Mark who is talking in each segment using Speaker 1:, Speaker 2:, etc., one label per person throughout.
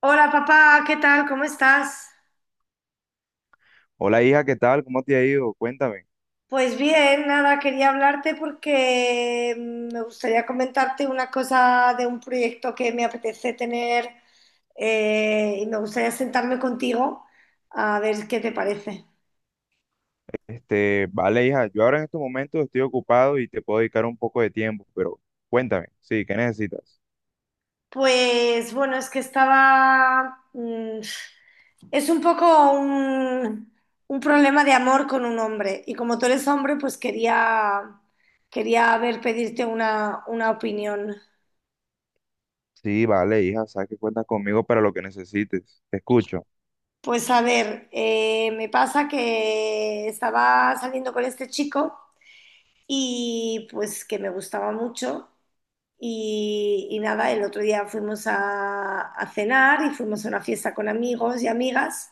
Speaker 1: Hola papá, ¿qué tal? ¿Cómo estás?
Speaker 2: Hola hija, ¿qué tal? ¿Cómo te ha ido? Cuéntame.
Speaker 1: Pues bien, nada, quería hablarte porque me gustaría comentarte una cosa de un proyecto que me apetece tener, y me gustaría sentarme contigo a ver qué te parece.
Speaker 2: Vale hija, yo ahora en estos momentos estoy ocupado y te puedo dedicar un poco de tiempo, pero cuéntame, sí, ¿qué necesitas?
Speaker 1: Pues bueno, es que estaba... es un poco un problema de amor con un hombre y como tú eres hombre, pues quería ver, pedirte una opinión.
Speaker 2: Sí, vale hija, sabes que cuentas conmigo para lo que necesites, te escucho.
Speaker 1: Pues a ver, me pasa que estaba saliendo con este chico y pues que me gustaba mucho y nada, el otro día fuimos a cenar y fuimos a una fiesta con amigos y amigas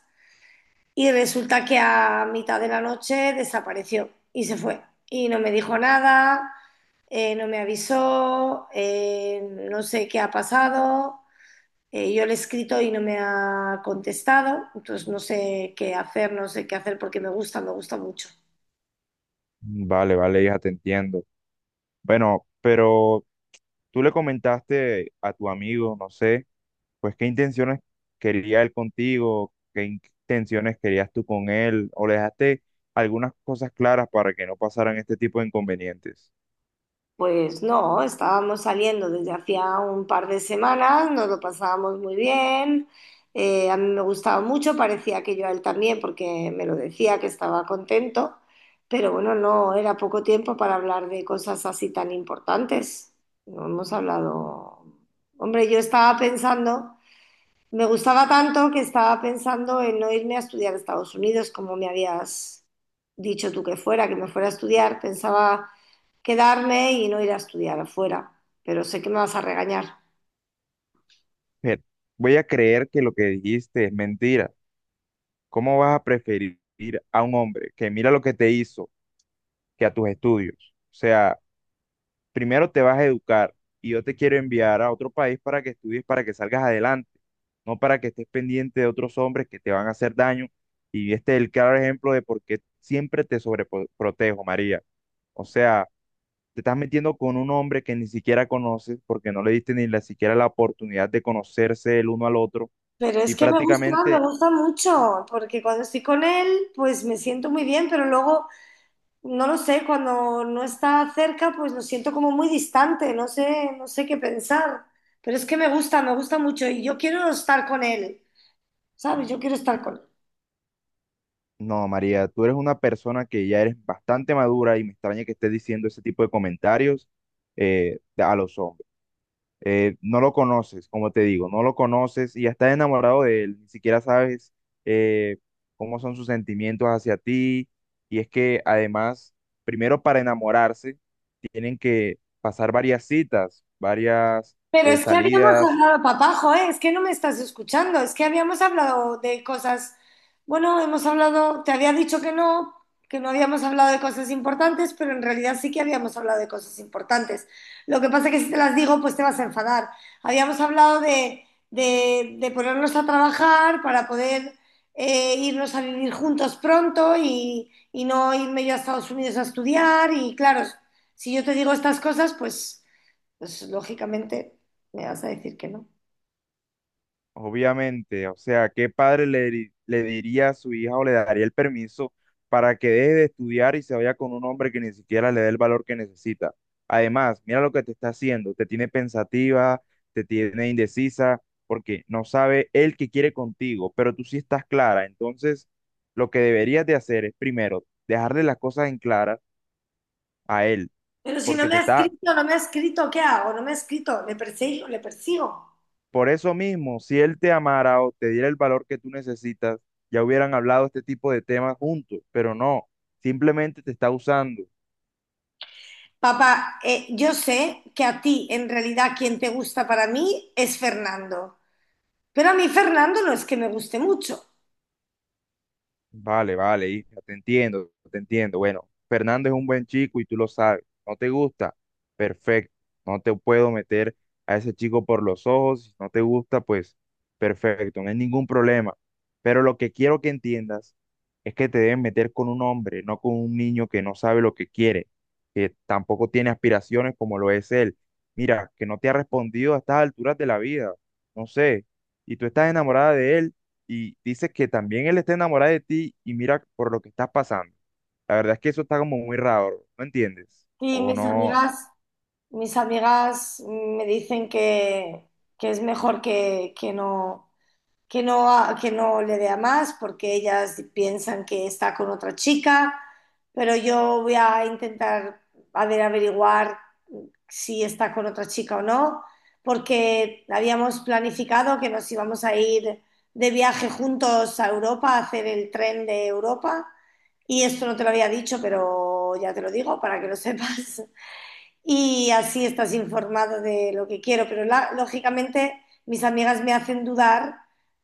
Speaker 1: y resulta que a mitad de la noche desapareció y se fue y no me dijo nada, no me avisó, no sé qué ha pasado. Yo le he escrito y no me ha contestado, entonces no sé qué hacer, no sé qué hacer porque me gusta mucho.
Speaker 2: Vale, vale hija, te entiendo. Bueno, pero tú le comentaste a tu amigo, no sé, pues qué intenciones quería él contigo, qué intenciones querías tú con él, o le dejaste algunas cosas claras para que no pasaran este tipo de inconvenientes.
Speaker 1: Pues no, estábamos saliendo desde hacía un par de semanas, nos lo pasábamos muy bien, a mí me gustaba mucho, parecía que yo a él también porque me lo decía que estaba contento, pero bueno, no era poco tiempo para hablar de cosas así tan importantes. No hemos hablado. Hombre, yo estaba pensando. Me gustaba tanto que estaba pensando en no irme a estudiar a Estados Unidos, como me habías dicho tú que fuera, que me fuera a estudiar. Pensaba quedarme y no ir a estudiar afuera, pero sé que me vas a regañar.
Speaker 2: Mujer, voy a creer que lo que dijiste es mentira. ¿Cómo vas a preferir a un hombre que mira lo que te hizo que a tus estudios? O sea, primero te vas a educar y yo te quiero enviar a otro país para que estudies, para que salgas adelante, no para que estés pendiente de otros hombres que te van a hacer daño. Y este es el claro ejemplo de por qué siempre te sobreprotejo, María. O sea, te estás metiendo con un hombre que ni siquiera conoces porque no le diste ni la, siquiera la oportunidad de conocerse el uno al otro
Speaker 1: Pero es
Speaker 2: y
Speaker 1: que me
Speaker 2: prácticamente.
Speaker 1: gusta mucho, porque cuando estoy con él, pues me siento muy bien, pero luego, no lo sé, cuando no está cerca, pues lo siento como muy distante, no sé, no sé qué pensar. Pero es que me gusta mucho y yo quiero estar con él, ¿sabes? Yo quiero estar con él.
Speaker 2: No, María, tú eres una persona que ya eres bastante madura y me extraña que estés diciendo ese tipo de comentarios a los hombres. No lo conoces, como te digo, no lo conoces y ya estás enamorado de él, ni siquiera sabes eh, cómo son sus sentimientos hacia ti. Y es que además, primero para enamorarse, tienen que pasar varias citas, varias
Speaker 1: Pero es que habíamos
Speaker 2: salidas.
Speaker 1: hablado, papajo, ¿eh? Es que no me estás escuchando, es que habíamos hablado de cosas, bueno, hemos hablado, te había dicho que no habíamos hablado de cosas importantes, pero en realidad sí que habíamos hablado de cosas importantes. Lo que pasa es que si te las digo, pues te vas a enfadar. Habíamos hablado de ponernos a trabajar para poder, irnos a vivir juntos pronto y no irme yo a Estados Unidos a estudiar y claro, si yo te digo estas cosas, pues... Pues lógicamente me vas a decir que no.
Speaker 2: Obviamente, o sea, ¿qué padre le diría a su hija o le daría el permiso para que deje de estudiar y se vaya con un hombre que ni siquiera le dé el valor que necesita? Además, mira lo que te está haciendo, te tiene pensativa, te tiene indecisa, porque no sabe él qué quiere contigo, pero tú sí estás clara. Entonces, lo que deberías de hacer es primero dejarle las cosas en claras a él,
Speaker 1: Pero si no
Speaker 2: porque
Speaker 1: me
Speaker 2: te
Speaker 1: ha
Speaker 2: está.
Speaker 1: escrito, no me ha escrito, ¿qué hago? No me ha escrito, le persigo, le persigo.
Speaker 2: Por eso mismo, si él te amara o te diera el valor que tú necesitas, ya hubieran hablado este tipo de temas juntos, pero no, simplemente te está usando.
Speaker 1: Papá, yo sé que a ti en realidad quien te gusta para mí es Fernando, pero a mí Fernando no es que me guste mucho.
Speaker 2: Vale, vale, hija, te entiendo, te entiendo. Bueno, Fernando es un buen chico y tú lo sabes. ¿No te gusta? Perfecto. No te puedo meter a ese chico por los ojos. Si no te gusta, pues perfecto, no hay ningún problema. Pero lo que quiero que entiendas es que te deben meter con un hombre, no con un niño que no sabe lo que quiere, que tampoco tiene aspiraciones como lo es él. Mira, que no te ha respondido a estas alturas de la vida. No sé. Y tú estás enamorada de él y dices que también él está enamorado de ti y mira por lo que estás pasando. La verdad es que eso está como muy raro, ¿no entiendes?
Speaker 1: Y
Speaker 2: O no,
Speaker 1: mis amigas me dicen que es mejor que no, que no, que no le dé a más porque ellas piensan que está con otra chica, pero yo voy a intentar a ver, averiguar si está con otra chica o no, porque habíamos planificado que nos íbamos a ir de viaje juntos a Europa, a hacer el tren de Europa, y esto no te lo había dicho, pero ya te lo digo para que lo sepas y así estás informado de lo que quiero. Pero lógicamente mis amigas me hacen dudar,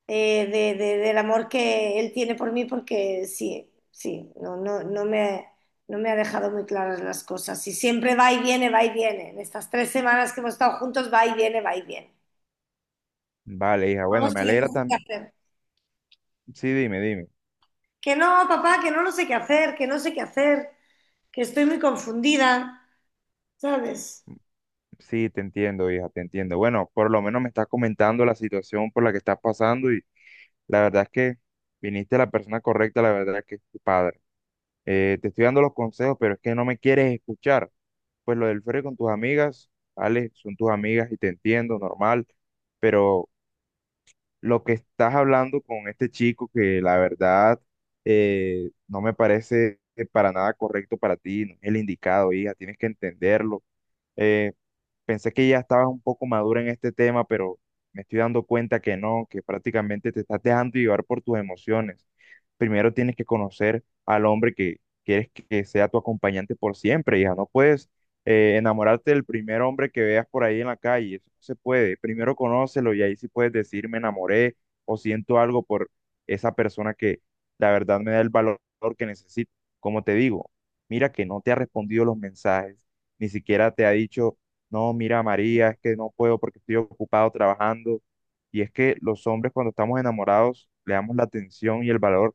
Speaker 1: del amor que él tiene por mí porque sí, sí, no, no, no me ha dejado muy claras las cosas. Y siempre va y viene, va y viene. En estas tres semanas que hemos estado juntos, va y viene, va y viene.
Speaker 2: vale, hija,
Speaker 1: No
Speaker 2: bueno, me
Speaker 1: sé,
Speaker 2: alegra
Speaker 1: no sé qué
Speaker 2: también.
Speaker 1: hacer.
Speaker 2: Sí, dime, dime.
Speaker 1: Que no, papá, que no sé qué hacer, que no sé qué hacer, que estoy muy confundida, ¿sabes?
Speaker 2: Sí, te entiendo, hija, te entiendo. Bueno, por lo menos me estás comentando la situación por la que estás pasando y la verdad es que viniste a la persona correcta, la verdad es que es tu padre. Te estoy dando los consejos, pero es que no me quieres escuchar. Pues lo del ferry con tus amigas, vale, son tus amigas y te entiendo, normal, pero lo que estás hablando con este chico que la verdad no me parece para nada correcto para ti, no es el indicado, hija, tienes que entenderlo. Pensé que ya estabas un poco madura en este tema, pero me estoy dando cuenta que no, que prácticamente te estás dejando llevar por tus emociones. Primero tienes que conocer al hombre que quieres que sea tu acompañante por siempre, hija. No puedes enamorarte del primer hombre que veas por ahí en la calle. Eso no se puede. Primero conócelo y ahí sí puedes decir me enamoré o siento algo por esa persona que la verdad me da el valor que necesito. Como te digo, mira que no te ha respondido los mensajes, ni siquiera te ha dicho no, mira, María, es que no puedo porque estoy ocupado trabajando. Y es que los hombres cuando estamos enamorados le damos la atención y el valor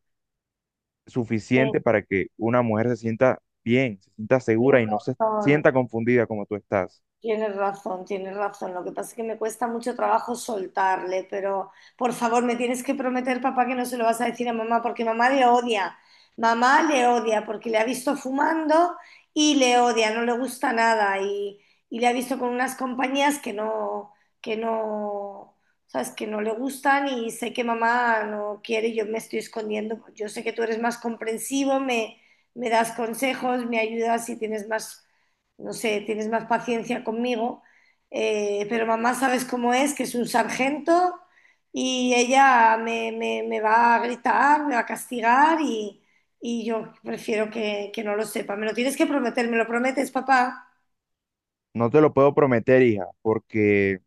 Speaker 1: Eh,
Speaker 2: suficiente para que una mujer se sienta bien, se sienta
Speaker 1: Tengo
Speaker 2: segura y no se
Speaker 1: razón.
Speaker 2: sienta confundida como tú estás.
Speaker 1: Tienes razón, tienes razón. Lo que pasa es que me cuesta mucho trabajo soltarle, pero por favor, me tienes que prometer, papá, que no se lo vas a decir a mamá, porque mamá le odia. Mamá le odia porque le ha visto fumando y le odia, no le gusta nada y le ha visto con unas compañías que no, sabes, que no le gustan y sé que mamá no quiere, y yo me estoy escondiendo. Yo sé que tú eres más comprensivo, me das consejos, me ayudas y tienes más, no sé, tienes más paciencia conmigo, pero mamá sabes cómo es, que es un sargento y ella me va a gritar, me va a castigar y yo prefiero que no lo sepa. Me lo tienes que prometer, ¿me lo prometes, papá?
Speaker 2: No te lo puedo prometer, hija, porque,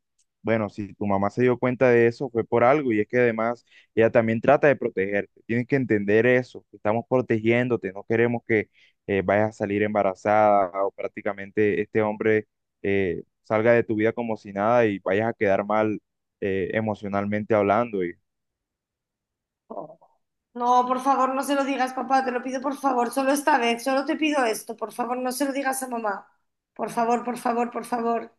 Speaker 2: bueno, si tu mamá se dio cuenta de eso, fue por algo, y es que además ella también trata de protegerte. Tienes que entender eso, que estamos protegiéndote, no queremos que vayas a salir embarazada o prácticamente este hombre salga de tu vida como si nada y vayas a quedar mal emocionalmente hablando. Y,
Speaker 1: Oh. No, por favor, no se lo digas, papá, te lo pido por favor, solo esta vez, solo te pido esto, por favor, no se lo digas a mamá. Por favor, por favor, por favor.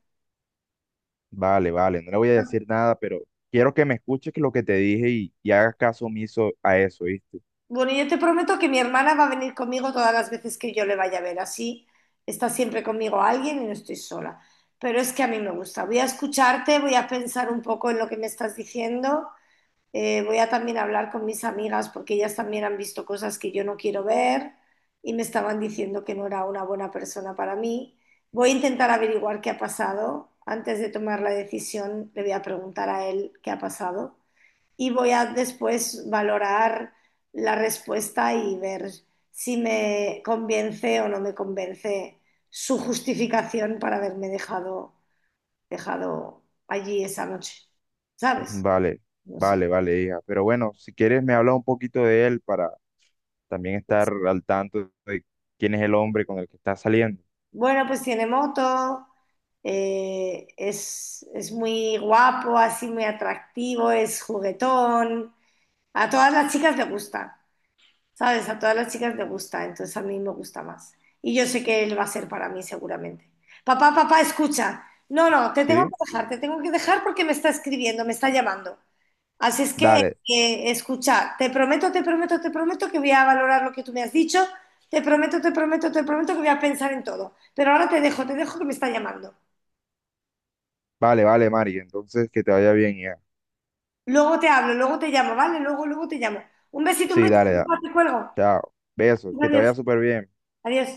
Speaker 2: vale, vale, no le voy a decir nada, pero quiero que me escuches lo que te dije y hagas caso omiso a eso, ¿viste?
Speaker 1: Bueno, yo te prometo que mi hermana va a venir conmigo todas las veces que yo le vaya a ver. Así está siempre conmigo alguien y no estoy sola. Pero es que a mí me gusta. Voy a escucharte, voy a pensar un poco en lo que me estás diciendo. Voy a también hablar con mis amigas porque ellas también han visto cosas que yo no quiero ver y me estaban diciendo que no era una buena persona para mí. Voy a intentar averiguar qué ha pasado. Antes de tomar la decisión, le voy a preguntar a él qué ha pasado y voy a después valorar la respuesta y ver si me convence o no me convence su justificación para haberme dejado allí esa noche, ¿sabes?
Speaker 2: Vale,
Speaker 1: No sé.
Speaker 2: vale, vale, hija. Pero bueno, si quieres me hablas un poquito de él para también estar al tanto de quién es el hombre con el que está saliendo.
Speaker 1: Bueno, pues tiene moto, es muy guapo, así muy atractivo, es juguetón, a todas las chicas le gusta. ¿Sabes? A todas las chicas les gusta, entonces a mí me gusta más. Y yo sé que él va a ser para mí seguramente. Papá, papá, escucha. No, no, te tengo
Speaker 2: ¿Sí?
Speaker 1: que dejar, te tengo que dejar porque me está escribiendo, me está llamando. Así es que,
Speaker 2: Dale,
Speaker 1: escucha, te prometo, te prometo, te prometo que voy a valorar lo que tú me has dicho. Te prometo, te prometo, te prometo que voy a pensar en todo. Pero ahora te dejo que me está llamando.
Speaker 2: vale, vale, Mari. Entonces, que te vaya bien, hija.
Speaker 1: Luego te hablo, luego te llamo, ¿vale? Luego, luego te llamo. Un
Speaker 2: Sí,
Speaker 1: besito,
Speaker 2: dale, da.
Speaker 1: papá, te cuelgo.
Speaker 2: Chao. Besos, que te
Speaker 1: Adiós,
Speaker 2: vaya súper bien.
Speaker 1: adiós.